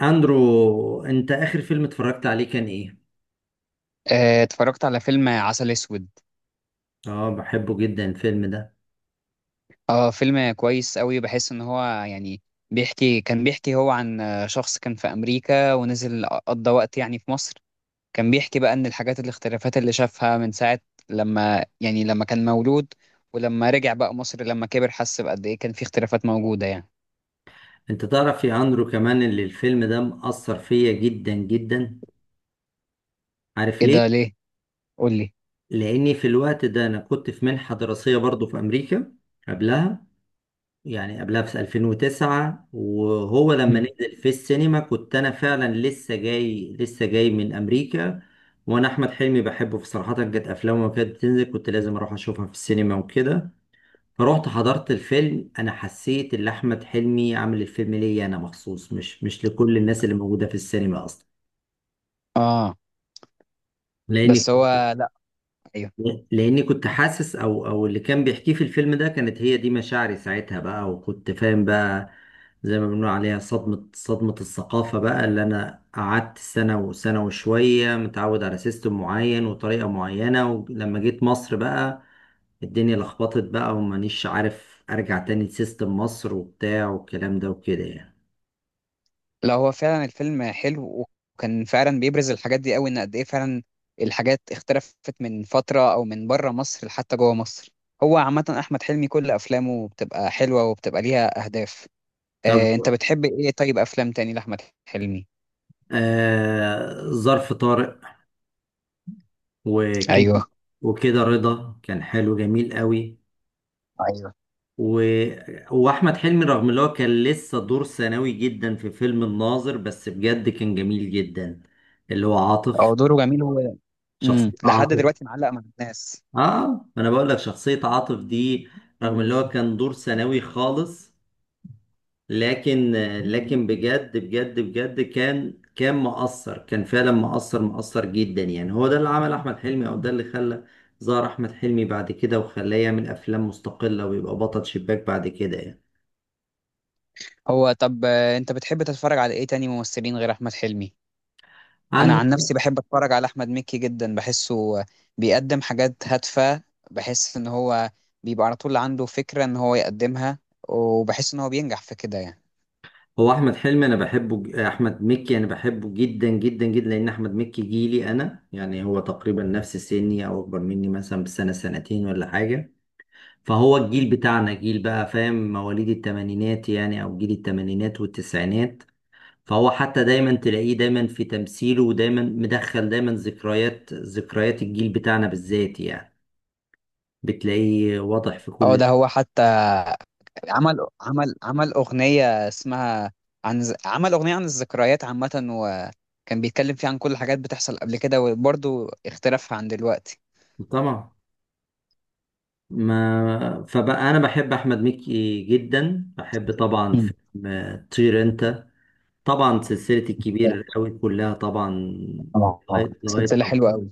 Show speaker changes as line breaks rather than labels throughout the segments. اندرو، انت اخر فيلم اتفرجت عليه كان ايه؟
اتفرجت على فيلم عسل اسود.
اه بحبه جدا الفيلم ده.
اه، فيلم كويس قوي. بحس ان هو يعني كان بيحكي هو عن شخص كان في امريكا ونزل قضى وقت يعني في مصر. كان بيحكي بقى ان الحاجات الاختلافات اللي شافها من ساعة لما يعني لما كان مولود، ولما رجع بقى مصر لما كبر، حس بقد ايه كان في اختلافات موجودة يعني.
انت تعرف يا اندرو كمان اللي الفيلم ده مأثر فيا جدا جدا، عارف
ايه
ليه؟
ده ليه؟ قول لي.
لاني في الوقت ده انا كنت في منحة دراسية برضو في امريكا قبلها، يعني في 2009. وهو لما
مم.
نزل في السينما كنت انا فعلا لسه جاي من امريكا. وانا احمد حلمي بحبه في صراحة، كانت افلامه كانت بتنزل كنت لازم اروح اشوفها في السينما وكده. رحت حضرت الفيلم، انا حسيت ان احمد حلمي عامل الفيلم ليا انا مخصوص، مش لكل الناس اللي موجوده في السينما اصلا.
اه.
لان
بس هو. لا. ايوه.
لاني كنت حاسس، او اللي كان بيحكيه في الفيلم ده كانت هي دي مشاعري ساعتها بقى، وكنت فاهم بقى. زي ما بنقول عليها صدمة الثقافة بقى. اللي انا قعدت سنة وسنة وشوية متعود على سيستم معين وطريقة معينة، ولما جيت مصر بقى الدنيا لخبطت بقى، ومانيش عارف ارجع تاني لسيستم مصر وبتاع والكلام ده وكده يعني.
لا، هو فعلا الفيلم حلو، وكان فعلا بيبرز الحاجات دي قوي ان قد ايه فعلا الحاجات اختلفت من فترة او من بره مصر لحتى جوه مصر. هو عامة احمد حلمي كل افلامه بتبقى حلوة وبتبقى ليها اهداف.
طب،
انت بتحب ايه طيب، افلام تاني لاحمد حلمي؟
ظرف طارق وكده.
ايوه.
وكده رضا كان حلو جميل قوي.
ايوه.
و- واحمد حلمي رغم ان هو كان لسه دور ثانوي جدا في فيلم الناظر، بس بجد كان جميل جدا، اللي هو
هو
عاطف.
دوره جميل هو.
شخصية
لحد
عاطف.
دلوقتي معلق مع الناس.
اه، ما انا بقول لك شخصية عاطف دي، رغم ان هو كان دور ثانوي خالص، لكن بجد بجد بجد كان مؤثر، كان فعلا مؤثر جدا يعني. هو ده اللي عمل احمد حلمي، او ده اللي خلى ظهر احمد حلمي بعد كده، وخلاه يعمل افلام مستقلة ويبقى بطل شباك بعد كده يعني.
هو طب، انت بتحب تتفرج على ايه تاني ممثلين غير احمد حلمي؟ انا عن
عندك
نفسي بحب اتفرج على احمد مكي جدا، بحسه بيقدم حاجات هادفه. بحس ان هو بيبقى على طول عنده فكره ان هو يقدمها، وبحس ان هو بينجح في كده يعني.
هو احمد حلمي انا بحبه، احمد مكي انا بحبه جدا جدا جدا، لان احمد مكي جيلي انا يعني، هو تقريبا نفس سني او اكبر مني مثلا بسنه سنتين ولا حاجه. فهو الجيل بتاعنا، جيل بقى فاهم، مواليد الثمانينات يعني، او جيل الثمانينات والتسعينات. فهو حتى دايما تلاقيه دايما في تمثيله ودايما مدخل دايما ذكريات، الجيل بتاعنا بالذات يعني، بتلاقيه واضح في
اه
كل...
ده هو حتى عمل اغنيه اسمها عن عمل اغنيه عن الذكريات عامه، وكان بيتكلم فيها عن كل الحاجات بتحصل قبل كده وبرضه اختلافها عن دلوقتي.
طبعا، ما فبقى انا بحب احمد مكي جدا. بحب طبعا
مم.
فيلم طير انت. طبعا سلسله الكبير قوي كلها طبعا،
اه،
لغايه
سلسله حلوه
رمضان.
قوي.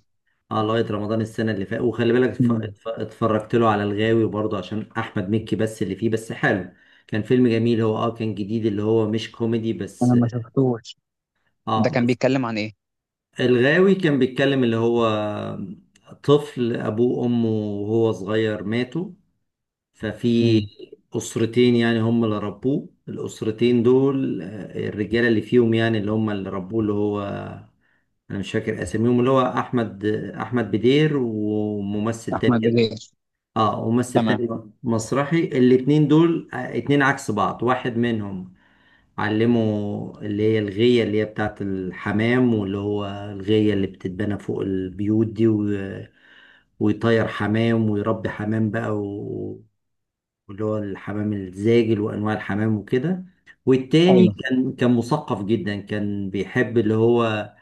اه لغايه رمضان السنه اللي فاتت. وخلي بالك،
مم.
اتفرجت له على الغاوي برضه عشان احمد مكي بس، اللي فيه بس حلو. كان فيلم جميل، هو اه كان جديد، اللي هو مش كوميدي
انا
بس.
ما شفتوش. ده
اه
كان
بس
بيتكلم عن ايه؟
الغاوي كان بيتكلم اللي هو طفل ابوه وامه وهو صغير ماتوا، ففي
مم.
أسرتين يعني هم اللي ربوه، الأسرتين دول الرجالة اللي فيهم يعني، اللي هم اللي ربوه، اللي هو، أنا مش فاكر أساميهم، اللي هو أحمد، بدير وممثل تاني
احمد
كده.
بليغ.
اه، ممثل
تمام.
تاني، مسرحي. الاتنين دول اتنين عكس بعض، واحد منهم علمه اللي هي الغية، اللي هي بتاعت الحمام، واللي هو الغية اللي بتتبنى فوق البيوت دي، ويطير حمام ويربي حمام بقى واللي هو الحمام الزاجل وانواع الحمام وكده. والتاني
ايوه.
كان مثقف جدا، كان بيحب اللي هو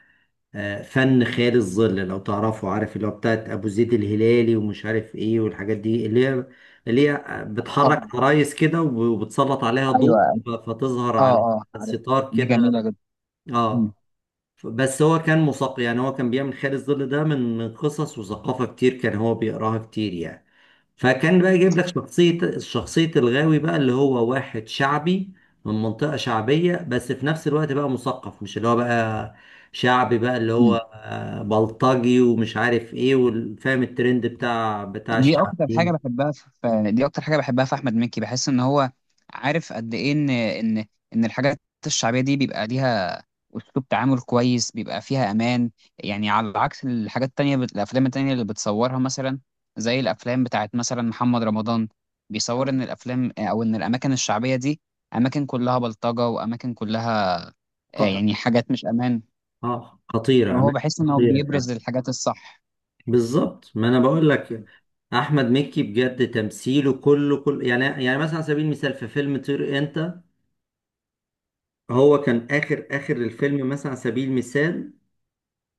فن خيال الظل لو تعرفه، عارف اللي هو بتاعت ابو زيد الهلالي ومش عارف ايه، والحاجات دي اللي هي، اللي هي
اه.
بتحرك عرايس كده، وبتسلط عليها ضوء
ايوه.
فتظهر
اه،
على
اه، عارف.
الستار
دي جميله
كده.
جدا. مم.
اه، بس هو كان مثقف يعني، هو كان بيعمل خيال الظل ده من قصص وثقافة كتير كان هو بيقراها كتير يعني. فكان بقى جايب لك شخصية، الغاوي بقى، اللي هو واحد شعبي من منطقة شعبية، بس في نفس الوقت بقى مثقف، مش اللي هو بقى شعبي بقى، اللي هو
مم.
بلطجي ومش عارف ايه، وفاهم الترند بتاع الشعبيين.
دي اكتر حاجه بحبها في احمد مكي، بحس ان هو عارف قد ايه ان الحاجات الشعبيه دي بيبقى ليها اسلوب تعامل كويس، بيبقى فيها امان. يعني على عكس الحاجات التانية، الافلام التانية اللي بتصورها مثلا، زي الافلام بتاعت مثلا محمد رمضان، بيصور ان الافلام او ان الاماكن الشعبيه دي اماكن كلها بلطجه واماكن كلها
خطر.
يعني حاجات مش امان.
اه، خطيرة،
ما هو
أماكن
بحس إن هو
خطيرة فعلا.
بيبرز الحاجات الصح.
بالظبط، ما أنا بقول لك. أحمد مكي بجد تمثيله كله كله يعني، مثلا على سبيل المثال في فيلم طير أنت، هو كان آخر آخر الفيلم مثلا على سبيل المثال،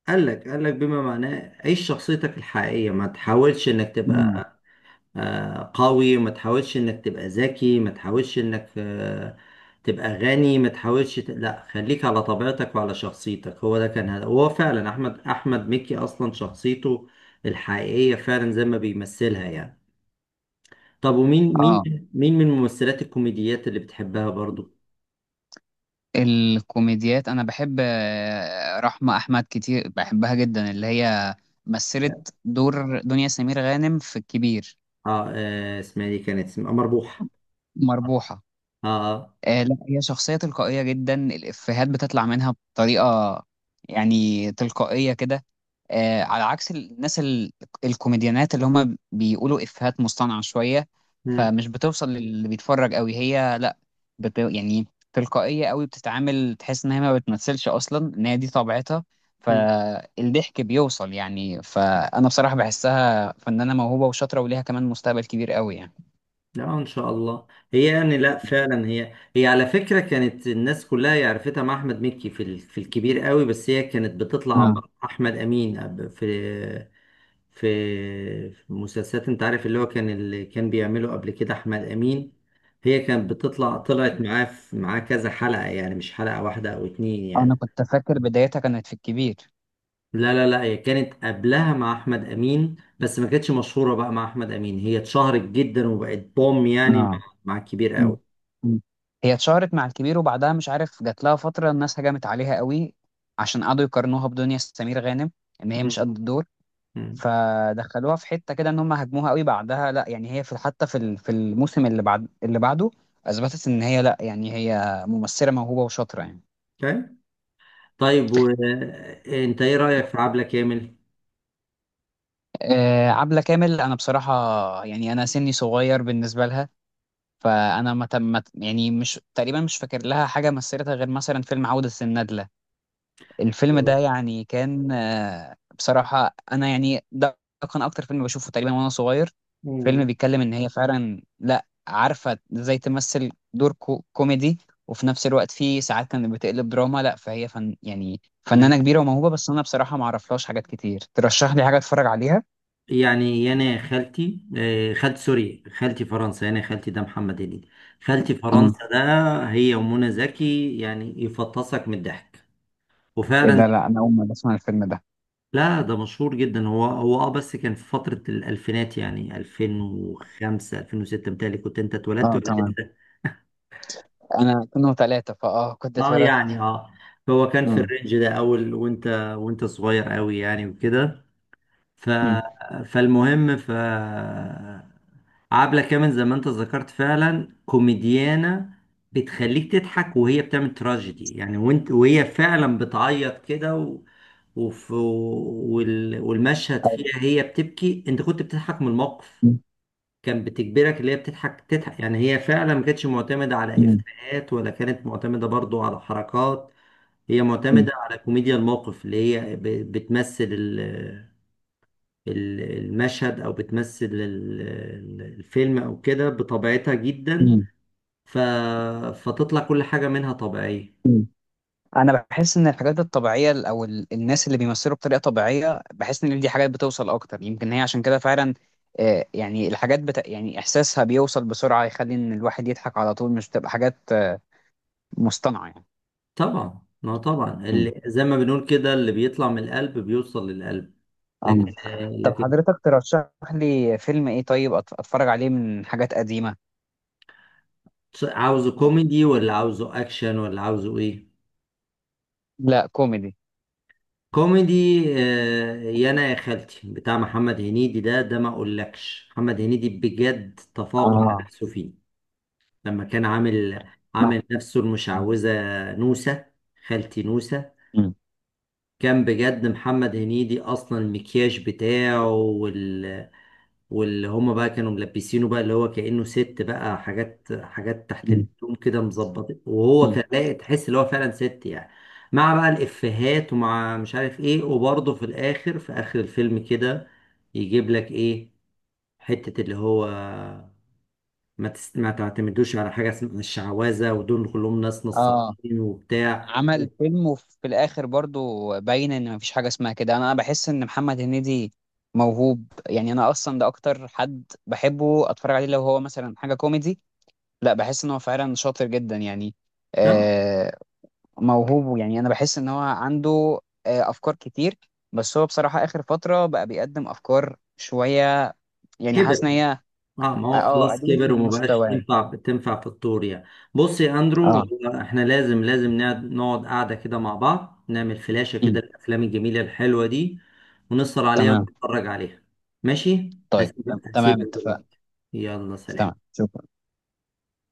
قال لك بما معناه: عيش شخصيتك الحقيقية، ما تحاولش انك
مم.
تبقى قوي، ما تحاولش انك تبقى ذكي، ما تحاولش انك تبقى غني، ما تحاولش ت... لا، خليك على طبيعتك وعلى شخصيتك. هو ده كان، هذا هو فعلا. احمد مكي اصلا شخصيته الحقيقية فعلا زي ما بيمثلها يعني. طب، ومين
اه،
مين من الممثلات الكوميديات اللي بتحبها برضو؟
الكوميديات انا بحب رحمة احمد كتير، بحبها جدا اللي هي
اه.
مثلت دور دنيا سمير غانم في الكبير.
آه، اسمها إيه دي؟ كانت اسمها مربوحة.
مربوحة.
اه. آه.
لا، هي شخصية تلقائية جدا، الإفيهات بتطلع منها بطريقة يعني تلقائية كده. على عكس الناس الكوميديانات اللي هم بيقولوا إفيهات مصطنعة شوية،
مم.
فمش بتوصل للي بيتفرج قوي. هي لا، يعني تلقائية قوي، بتتعامل تحس إن هي ما بتمثلش أصلا، إن هي دي طبيعتها،
مم.
فالضحك بيوصل يعني. فأنا بصراحة بحسها فنانة موهوبة وشاطرة، وليها كمان مستقبل كبير قوي يعني.
لا، ان شاء الله. هي يعني، لا فعلا، هي على فكره كانت الناس كلها يعرفتها مع احمد مكي في الكبير قوي، بس هي كانت بتطلع
آه.
مع احمد امين في في مسلسلات، انت عارف اللي هو كان اللي كان بيعمله قبل كده احمد امين. هي كانت بتطلع، طلعت معاه معاه كذا حلقه يعني، مش حلقه واحده او اتنين
أنا
يعني.
كنت فاكر بدايتها كانت في الكبير.
لا لا لا، هي كانت قبلها مع احمد امين، بس ما كانتش مشهوره بقى مع احمد امين. هي اتشهرت جدا وبقت بوم يعني مع،
آه.
الكبير
مم.
قوي.
مم. هي اتشهرت مع الكبير، وبعدها مش عارف جات لها فترة الناس هجمت عليها قوي عشان قعدوا يقارنوها بدنيا سمير غانم، ان هي مش قد
مم.
الدور.
مم.
فدخلوها في حتة كده ان هم هاجموها قوي بعدها. لا يعني هي في حتى في في الموسم اللي بعد اللي بعده اثبتت ان هي لا يعني هي ممثلة موهوبة وشاطرة يعني.
طيب، طيب وانت ايه رأيك في عبلة كامل؟
عبلة كامل انا بصراحة يعني انا سني صغير بالنسبة لها، فانا ما تم ما ت- يعني مش تقريبا مش فاكر لها حاجة مثلتها غير مثلا فيلم عودة الندلة. الفيلم ده يعني كان، بصراحة أنا يعني ده كان أكتر فيلم بشوفه تقريبا وأنا صغير. فيلم
مم.
بيتكلم إن هي فعلا لأ عارفة إزاي تمثل دور كوميدي، وفي نفس الوقت في ساعات كانت بتقلب دراما. لأ فهي فن يعني
مم.
فنانة كبيرة وموهوبة، بس أنا بصراحة معرفلهاش حاجات كتير. ترشح لي حاجة أتفرج عليها؟
يعني يانا خالتي، خالتي سوري، خالتي فرنسا. يانا خالتي ده محمد هنيدي، خالتي فرنسا
اه.
ده. هي ومنى زكي يعني يفطسك من الضحك،
إيه
وفعلا.
ده، لأ أنا أول مرة أسمع الفيلم ده.
لا ده مشهور جدا. هو اه بس كان في فترة الألفينات يعني 2005 2006 متهيألي. كنت انت اتولدت
أه
ولا؟
تمام. أنا كنا ثلاثة فأه كنت
اه
اتولدت.
يعني اه، هو كان في
أه.
الرينج ده اول، وانت صغير قوي يعني وكده. ف.
أمم.
فالمهم ف. عبلة كامل زي ما انت ذكرت فعلا كوميديانة بتخليك تضحك، وهي بتعمل تراجيدي يعني، وانت وهي فعلا بتعيط كده و... وف... وال... والمشهد
أيوه.
فيها هي بتبكي انت كنت بتضحك من الموقف.
أمم.
كان بتجبرك اللي هي بتضحك تضحك يعني، هي فعلا ما كانتش معتمدة على
أمم.
إفيهات، ولا كانت معتمدة برضو على حركات. هي
أمم.
معتمدة على كوميديا الموقف، اللي هي بتمثل المشهد، أو بتمثل الفيلم، أو كده بطبيعتها جدا. ف... فتطلع كل حاجة منها طبيعية.
أمم. انا بحس ان الحاجات الطبيعيه او الناس اللي بيمثلوا بطريقه طبيعيه، بحس ان دي حاجات بتوصل اكتر، يمكن هي عشان كده فعلا يعني الحاجات يعني احساسها بيوصل بسرعه، يخلي ان الواحد يضحك على طول، مش بتبقى حاجات مصطنعه يعني.
طبعا، ما طبعا
مم.
اللي زي ما بنقول كده، اللي بيطلع من القلب بيوصل للقلب. لكن.
آه. طب
لكن
حضرتك ترشح لي فيلم ايه طيب، اتفرج عليه من حاجات قديمه؟
عاوزه كوميدي ولا عاوزه أكشن ولا عاوزه إيه؟
لا، كوميدي.
كوميدي. يا انا يا خالتي بتاع محمد هنيدي ده. ما اقولكش محمد هنيدي بجد تفوق على
اه.
نفسه فيه، لما كان عامل
ما-
عامل نفسه
مم.
المشعوذة نوسة، خالتي نوسة.
مم.
كان بجد محمد هنيدي اصلا المكياج بتاعه، واللي هما بقى كانوا ملبسينه بقى اللي هو كأنه ست بقى، حاجات تحت الهدوم كده مظبط، وهو
مم.
كان لاقي، تحس اللي هو فعلا ست يعني، مع بقى الإفيهات ومع مش عارف ايه. وبرضه في الآخر، في آخر الفيلم كده، يجيب لك ايه، حتة اللي هو ما تس... ما تعتمدوش على حاجة اسمها الشعوذة، ودول كلهم ناس
اه،
نصابين وبتاع.
عمل فيلم وفي الاخر برضو باين ان مفيش حاجه اسمها كده. أنا بحس ان محمد هنيدي موهوب يعني. انا اصلا ده اكتر حد بحبه اتفرج عليه لو هو مثلا حاجه كوميدي. لا، بحس ان هو فعلا شاطر جدا يعني.
ها
آه، موهوب يعني، انا بحس ان هو عنده افكار كتير. بس هو بصراحه اخر فتره بقى بيقدم افكار شويه يعني، حاسس ان
كده.
هي
اه، ما هو
اه
خلاص
قللت
كبر
من
وما بقاش
مستواه.
تنفع، في الطور يعني. بص يا اندرو،
اه.
هو احنا لازم نقعد، قعده كده مع بعض، نعمل فلاشة كده
أمم،
الافلام الجميله الحلوه دي، ونسهر عليها
تمام.
ونتفرج عليها. ماشي،
طيب
هسيبك
تمام،
هسيبك
اتفقنا.
دلوقتي. يلا
تمام،
سلام.
شكرا.